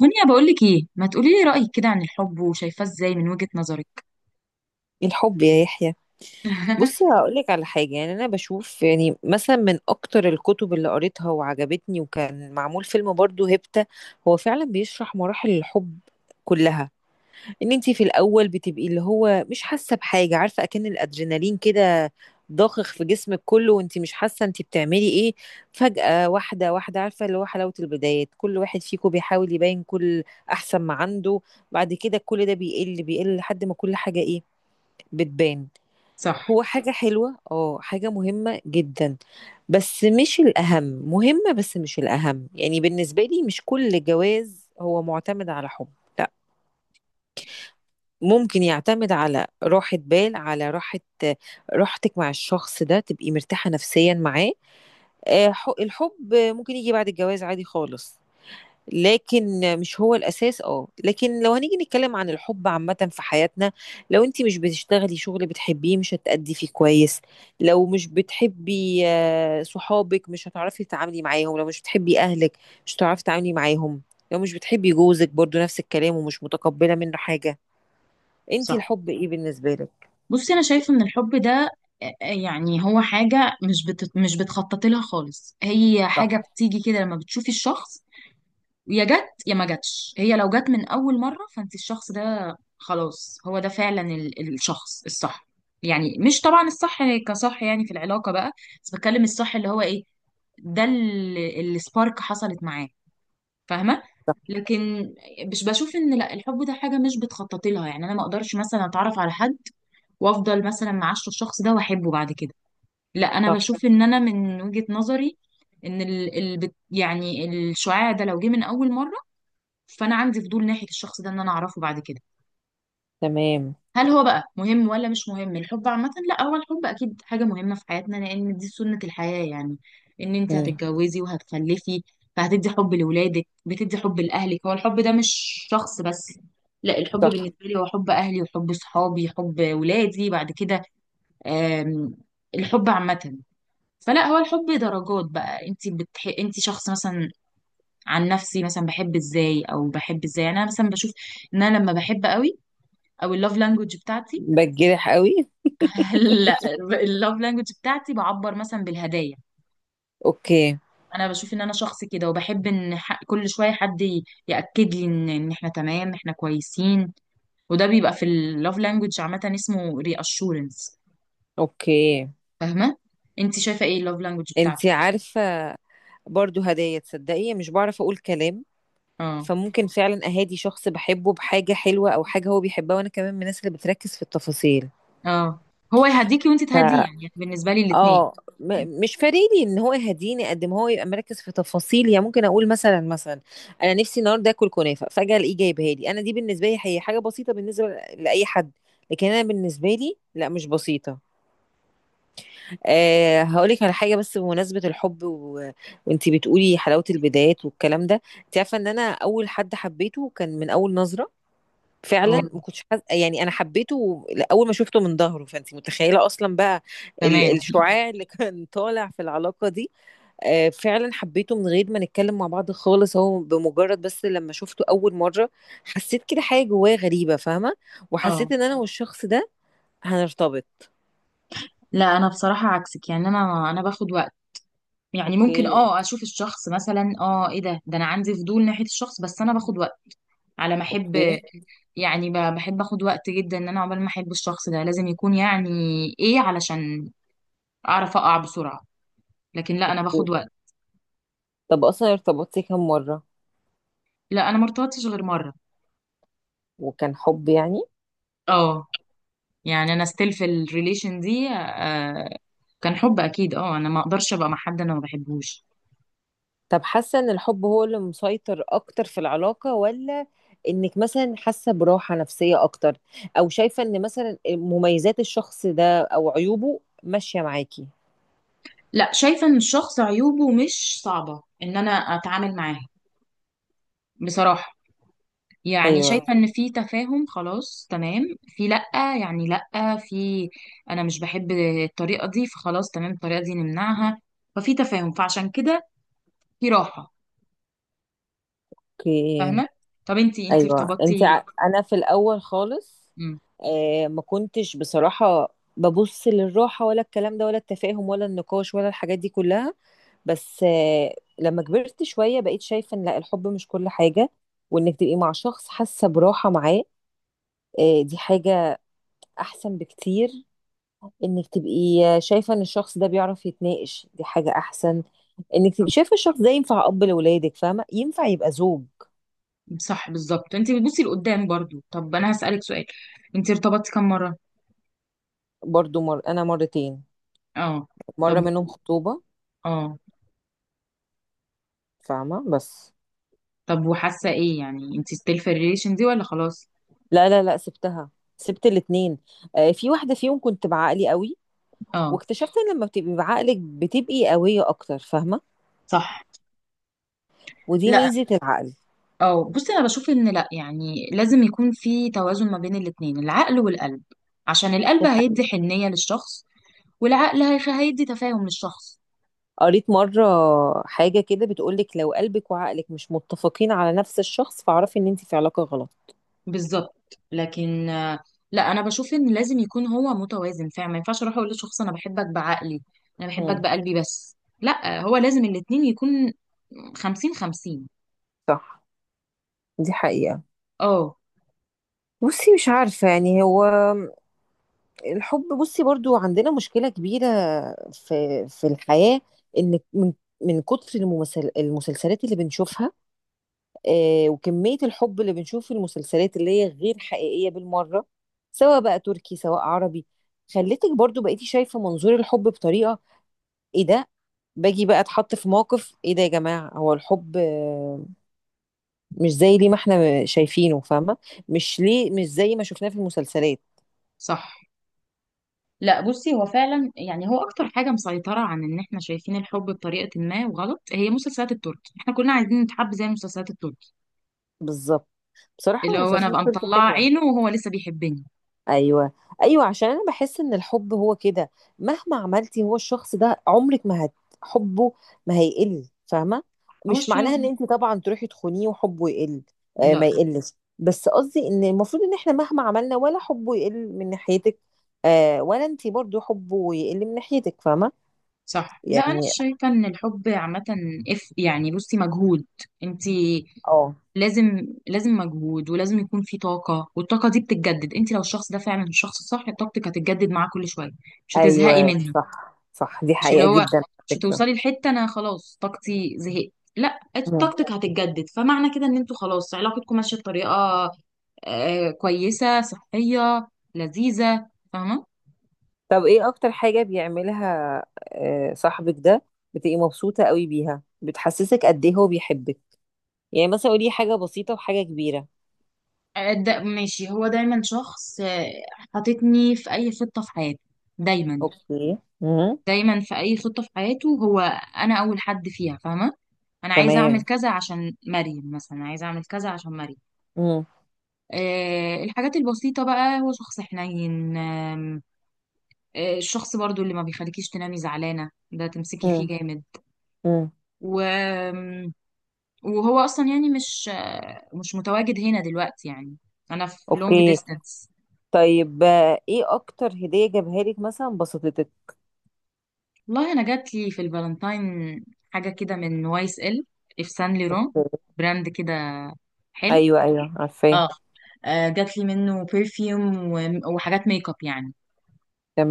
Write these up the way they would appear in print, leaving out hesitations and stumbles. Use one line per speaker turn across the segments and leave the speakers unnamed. دنيا، بقول لك ايه؟ ما تقولي لي رأيك كده عن الحب وشايفاه ازاي من وجهة نظرك.
الحب يا يحيى. بص هقولك على حاجة، يعني أنا بشوف، يعني مثلا من أكتر الكتب اللي قريتها وعجبتني وكان معمول فيلم برضو هيبتا. هو فعلا بيشرح مراحل الحب كلها. ان انتي في الأول بتبقي اللي هو مش حاسة بحاجة، عارفة أكن الأدرينالين كده ضاخخ في جسمك كله وانتي مش حاسة انتي بتعملي ايه. فجأة واحدة واحدة، عارفة، اللي هو حلاوة البدايات، كل واحد فيكم بيحاول يبين كل أحسن ما عنده. بعد كده كل ده بيقل بيقل لحد ما كل حاجة ايه، بتبان.
صح،
هو حاجة حلوة، حاجة مهمة جدا، بس مش الأهم. مهمة بس مش الأهم، يعني بالنسبة لي مش كل جواز هو معتمد على حب، لا. ممكن يعتمد على راحة بال، على راحة، راحتك مع الشخص ده، تبقي مرتاحة نفسيا معاه. الحب ممكن يجي بعد الجواز عادي خالص. لكن مش هو الأساس، لكن لو هنيجي نتكلم عن الحب عامة في حياتنا، لو انت مش بتشتغلي شغل بتحبيه مش هتأدي فيه كويس. لو مش بتحبي صحابك مش هتعرفي تتعاملي معاهم. لو مش بتحبي أهلك مش هتعرفي تتعاملي معاهم. لو مش بتحبي جوزك برضو نفس الكلام، ومش متقبلة منه حاجة. انت
صح.
الحب ايه بالنسبة لك؟
بصي، انا شايفه ان الحب ده يعني هو حاجه مش بتخططي لها خالص. هي حاجه
صح.
بتيجي كده لما بتشوفي الشخص. يا جت يا ما جاتش. هي لو جت من اول مره فانت الشخص ده، خلاص هو ده فعلا الشخص الصح. يعني مش طبعا الصح كصح يعني في العلاقه بقى، بس بتكلم الصح اللي هو ايه. ده اللي السبارك حصلت معاه، فاهمه. لكن مش بشوف ان لا، الحب ده حاجه مش بتخططي لها. يعني انا ما اقدرش مثلا اتعرف على حد وافضل مثلا معاشره الشخص ده واحبه بعد كده. لا، انا
صح.
بشوف ان انا من وجهه نظري ان يعني الشعاع ده لو جه من اول مره، فانا عندي فضول ناحيه الشخص ده ان انا اعرفه بعد كده.
تمام.
هل هو بقى مهم ولا مش مهم الحب عامة؟ لا، هو الحب اكيد حاجة مهمة في حياتنا، لان دي سنة الحياة يعني. ان انت
مم.
هتتجوزي وهتخلفي، فهتدي حب لولادك، بتدي حب لاهلك. هو الحب ده مش شخص بس. لا، الحب
صح.
بالنسبة لي هو حب اهلي وحب صحابي، حب ولادي بعد كده. آم، الحب عامة. فلا، هو الحب درجات بقى. انت شخص مثلا. عن نفسي، مثلا بحب ازاي او بحب ازاي، يعني انا مثلا بشوف ان انا لما بحب قوي، او اللوف لانجوج بتاعتي.
بتجرح قوي.
لا، اللوف لانجوج بتاعتي بعبر مثلا بالهدايا.
اوكي.
انا بشوف ان انا شخص كده، وبحب كل شويه حد ياكد لي ان احنا تمام، احنا كويسين. وده بيبقى في اللوف لانجوج، عامه اسمه ري اشورنس،
اوكي.
فاهمه. انت شايفه ايه اللوف لانجوج
انت
بتاعتك؟
عارفة، برضو هدايا، تصدقي مش بعرف اقول كلام.
اه،
فممكن فعلا اهادي شخص بحبه بحاجة حلوة او حاجة هو بيحبها، وانا كمان من الناس اللي بتركز في التفاصيل.
اه. هو يهديكي وانت
ف
تهديه، يعني بالنسبه لي الاثنين.
اه مش فارقلي ان هو يهديني قد ما هو يبقى مركز في تفاصيل. يعني ممكن اقول، مثلا انا نفسي النهارده اكل كنافه، فجاه الاقيه جايبها لي، انا دي بالنسبه لي هي حاجه بسيطه بالنسبه لاي حد، لكن انا بالنسبه لي لا مش بسيطه. هقولك على حاجة بس بمناسبة الحب وانتي بتقولي حلاوة البدايات والكلام ده، انت عارفة ان انا اول حد حبيته كان من اول نظرة.
اه.
فعلا ما كنتش يعني انا حبيته اول ما شفته من ظهره، فانت متخيلة اصلا بقى
تمام.
الشعاع اللي كان طالع في العلاقة دي. فعلا حبيته من غير ما نتكلم مع بعض خالص، هو بمجرد بس لما شفته اول مرة حسيت كده حاجة جوايا غريبة، فاهمة؟
اه.
وحسيت ان انا والشخص ده هنرتبط.
لا، انا بصراحه عكسك. يعني انا باخد وقت. يعني ممكن
اوكي.
اشوف الشخص مثلا، ايه ده انا عندي فضول ناحيه الشخص، بس انا باخد وقت على ما احب.
اوكي.
يعني بحب اخد وقت جدا، ان انا عقبال ما احب الشخص ده لازم يكون يعني ايه، علشان اعرف اقع بسرعة. لكن لا، انا باخد وقت.
طب اصلا ارتبطتي كام مرة؟
لا، انا ما ارتبطتش غير مرة.
وكان حب يعني؟
اه. يعني انا ستيل في الريليشن دي. كان حب اكيد. اه انا ما اقدرش ابقى مع حد انا ما بحبهوش.
طب حاسة ان الحب هو اللي مسيطر اكتر في العلاقة، ولا انك مثلا حاسة براحة نفسية اكتر، او شايفة ان مثلا مميزات الشخص ده او عيوبه ماشية معاكي؟
لا، شايفة ان الشخص عيوبه مش صعبة ان انا اتعامل معاها، بصراحة. يعني
ايوه.
شايفة ان في تفاهم، خلاص تمام. في، لأ، يعني لأ، في، انا مش بحب الطريقة دي، فخلاص تمام الطريقة دي نمنعها. ففي تفاهم، فعشان كده في راحة،
اوكي.
فاهمة. طب انتي
ايوه انت
ارتبطتي؟
انا في الاول خالص
مم.
ما كنتش بصراحة ببص للراحة ولا الكلام ده ولا التفاهم ولا النقاش ولا الحاجات دي كلها. بس لما كبرت شوية بقيت شايفة ان لا الحب مش كل حاجة. وانك تبقي مع شخص حاسة براحة معاه، دي حاجة احسن بكتير. انك تبقي شايفة ان الشخص ده بيعرف يتناقش، دي حاجة احسن. انك تبقي شايفة الشخص ده ينفع اب لولادك، فاهمة؟ ينفع يبقى زوج.
صح، بالظبط، انتي بتبصي لقدام برضو. طب انا هسألك سؤال، انتي ارتبطتي كم مرة؟
برضو انا مرتين.
اه.
مرة
طب.
منهم خطوبة،
اه.
فاهمة؟ بس
طب، وحاسة ايه يعني؟ انتي ستيل في الريليشن دي ولا خلاص؟
لا لا لا، سبتها، سبت الاتنين. في واحدة فيهم كنت بعقلي قوي،
اه.
واكتشفت ان لما بتبقي بعقلك بتبقي قوية اكتر، فاهمة؟
صح.
ودي
لا.
ميزة العقل.
اه، بصي انا بشوف ان لا، يعني لازم يكون في توازن ما بين الاتنين، العقل والقلب. عشان القلب
دي حقيقة.
هيدي حنية للشخص، والعقل هيدي تفاهم للشخص.
قريت مرة حاجة كده بتقولك لو قلبك وعقلك مش متفقين على نفس الشخص فاعرفي ان انت في علاقة غلط.
بالظبط، لكن، لا انا بشوف ان لازم يكون هو متوازن فعلا. ما ينفعش اروح اقول لشخص انا بحبك بعقلي، انا بحبك
امم.
بقلبي، بس لا، هو لازم الاتنين يكون خمسين خمسين.
صح. دي حقيقة.
اه.
بصي مش عارفة يعني هو الحب، بصي برضو عندنا مشكلة كبيرة في الحياة. ان من كتر الممثل المسلسلات اللي بنشوفها، وكمية الحب اللي بنشوف في المسلسلات اللي هي غير حقيقية بالمرة، سواء بقى تركي سواء عربي، خلتك برضو بقيتي شايفة منظور الحب بطريقة، ايه ده؟ باجي بقى اتحط في موقف، ايه ده يا جماعه؟ هو الحب مش زي ليه ما احنا شايفينه، فاهمه؟ مش ليه مش زي ما شفناه في المسلسلات.
صح. لا، بصي هو فعلا. يعني هو اكتر حاجه مسيطره عن ان احنا شايفين الحب بطريقه ما وغلط، هي مسلسلات التركي. احنا كلنا عايزين نتحب زي مسلسلات التركي.
بالظبط. بصراحه
اللي هو انا
المسلسلات
ابقى
بتبقى
مطلعه
حلوه.
عينه وهو لسه بيحبني.
ايوه، ايوه، عشان انا بحس ان الحب هو كده. مهما عملتي هو الشخص ده عمرك ما هت حبه، ما هيقل، فاهمه؟
خلاص.
مش معناها ان انت طبعا تروحي تخونيه وحبه يقل.
لا.
ما يقلش. بس قصدي ان المفروض ان احنا مهما عملنا ولا حبه يقل من ناحيتك، ولا انت برضو حبه يقل من ناحيتك، فاهمه؟
صح. لا، انا
يعني.
شايفه ان الحب عامه، اف، يعني بصي مجهود. انت
اه
لازم مجهود، ولازم يكون في طاقه، والطاقه دي بتتجدد. انت لو الشخص ده فعلا الشخص الصح، طاقتك هتتجدد معاه كل شويه، مش هتزهقي
ايوه،
منها.
صح، صح، دي
مش اللي
حقيقه
هو
جدا على
مش
فكره.
هتوصلي لحته انا خلاص طاقتي زهقت. لا، طاقتك هتتجدد. فمعنى كده ان انتوا خلاص علاقتكم ماشيه بطريقه كويسه، صحيه، لذيذه، فاهمه.
طب ايه اكتر حاجة بيعملها صاحبك ده، بتبقي مبسوطة قوي بيها، بتحسسك قد ايه هو بيحبك؟ يعني مثلا قولي حاجة بسيطة وحاجة كبيرة.
ده ماشي. هو دايما شخص، حاططني في اي خطه في حياته. دايما.
اوكي. امم.
دايما في اي خطه في حياته، هو انا اول حد فيها، فاهمه. انا عايزه اعمل
تمام.
كذا عشان مريم، مثلا عايزه اعمل كذا عشان مريم.
امم.
الحاجات البسيطة بقى، هو شخص حنين. الشخص برضو اللي ما بيخليكيش تنامي زعلانة، ده تمسكي فيه
امم.
جامد.
امم.
و... وهو أصلا يعني مش متواجد هنا دلوقتي يعني. أنا في لونج
اوكي.
ديستانس.
طيب ايه اكتر هدية جابها لك مثلا بسطتك؟
والله، أنا جات لي في الفالنتاين حاجة كده من واي اس ال، في سان ليرون، براند كده حلو.
ايوه، ايوه، عارفاه.
اه. جات لي منه برفيوم، وحاجات ميك اب يعني.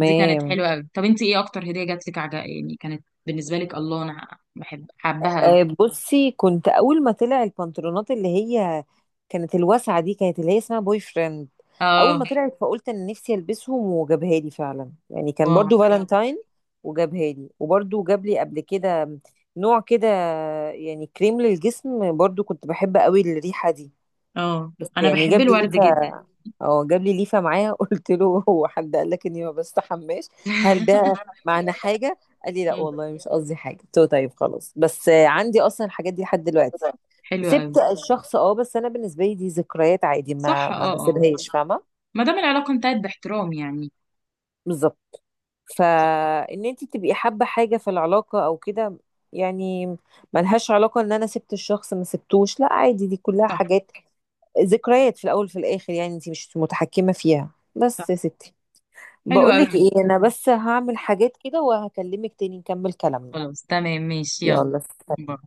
دي كانت حلوة قوي. طب انت ايه اكتر هدية جات لك عجب، يعني كانت بالنسبة لك؟ الله، انا بحب حبها قوي.
بصي كنت اول ما طلع البنطلونات اللي هي كانت الواسعه دي، كانت اللي هي اسمها بوي فريند، اول
اه.
ما طلعت فقلت ان نفسي البسهم، وجابها لي فعلا يعني، كان
واو.
برضو فالنتاين. وجابها لي وبرضو جاب لي قبل كده نوع كده، يعني كريم للجسم، برضو كنت بحب قوي الريحه دي،
اه،
بس
انا
يعني
بحب
جاب لي
الورد
ريحه.
جدا.
اه جاب لي ليفه معايا قلت له هو حد قال لك اني ما بستحماش؟ هل ده معنى حاجه؟ قال لي لا
مم.
والله مش قصدي حاجه. قلت له طيب خلاص، بس عندي اصلا الحاجات دي لحد دلوقتي.
حلو قوي.
سبت الشخص، بس انا بالنسبه لي دي ذكريات عادي،
صح،
ما
اه، اه،
بسيبهاش، فاهمه؟
ما دام العلاقه انتهت باحترام يعني.
بالظبط.
صح،
فان انت تبقي حابه حاجه في العلاقه او كده، يعني ملهاش علاقه ان انا سبت الشخص ما سبتوش، لا عادي دي كلها
صح،
حاجات ذكريات في الاول وفي الاخر، يعني انت مش متحكمه فيها. بس
صح.
يا ستي،
حلو قوي.
بقولك ايه، انا بس هعمل حاجات كده وهكلمك تاني نكمل كلامنا.
خلاص تمام، ماشي، يلا.
يلا سلام.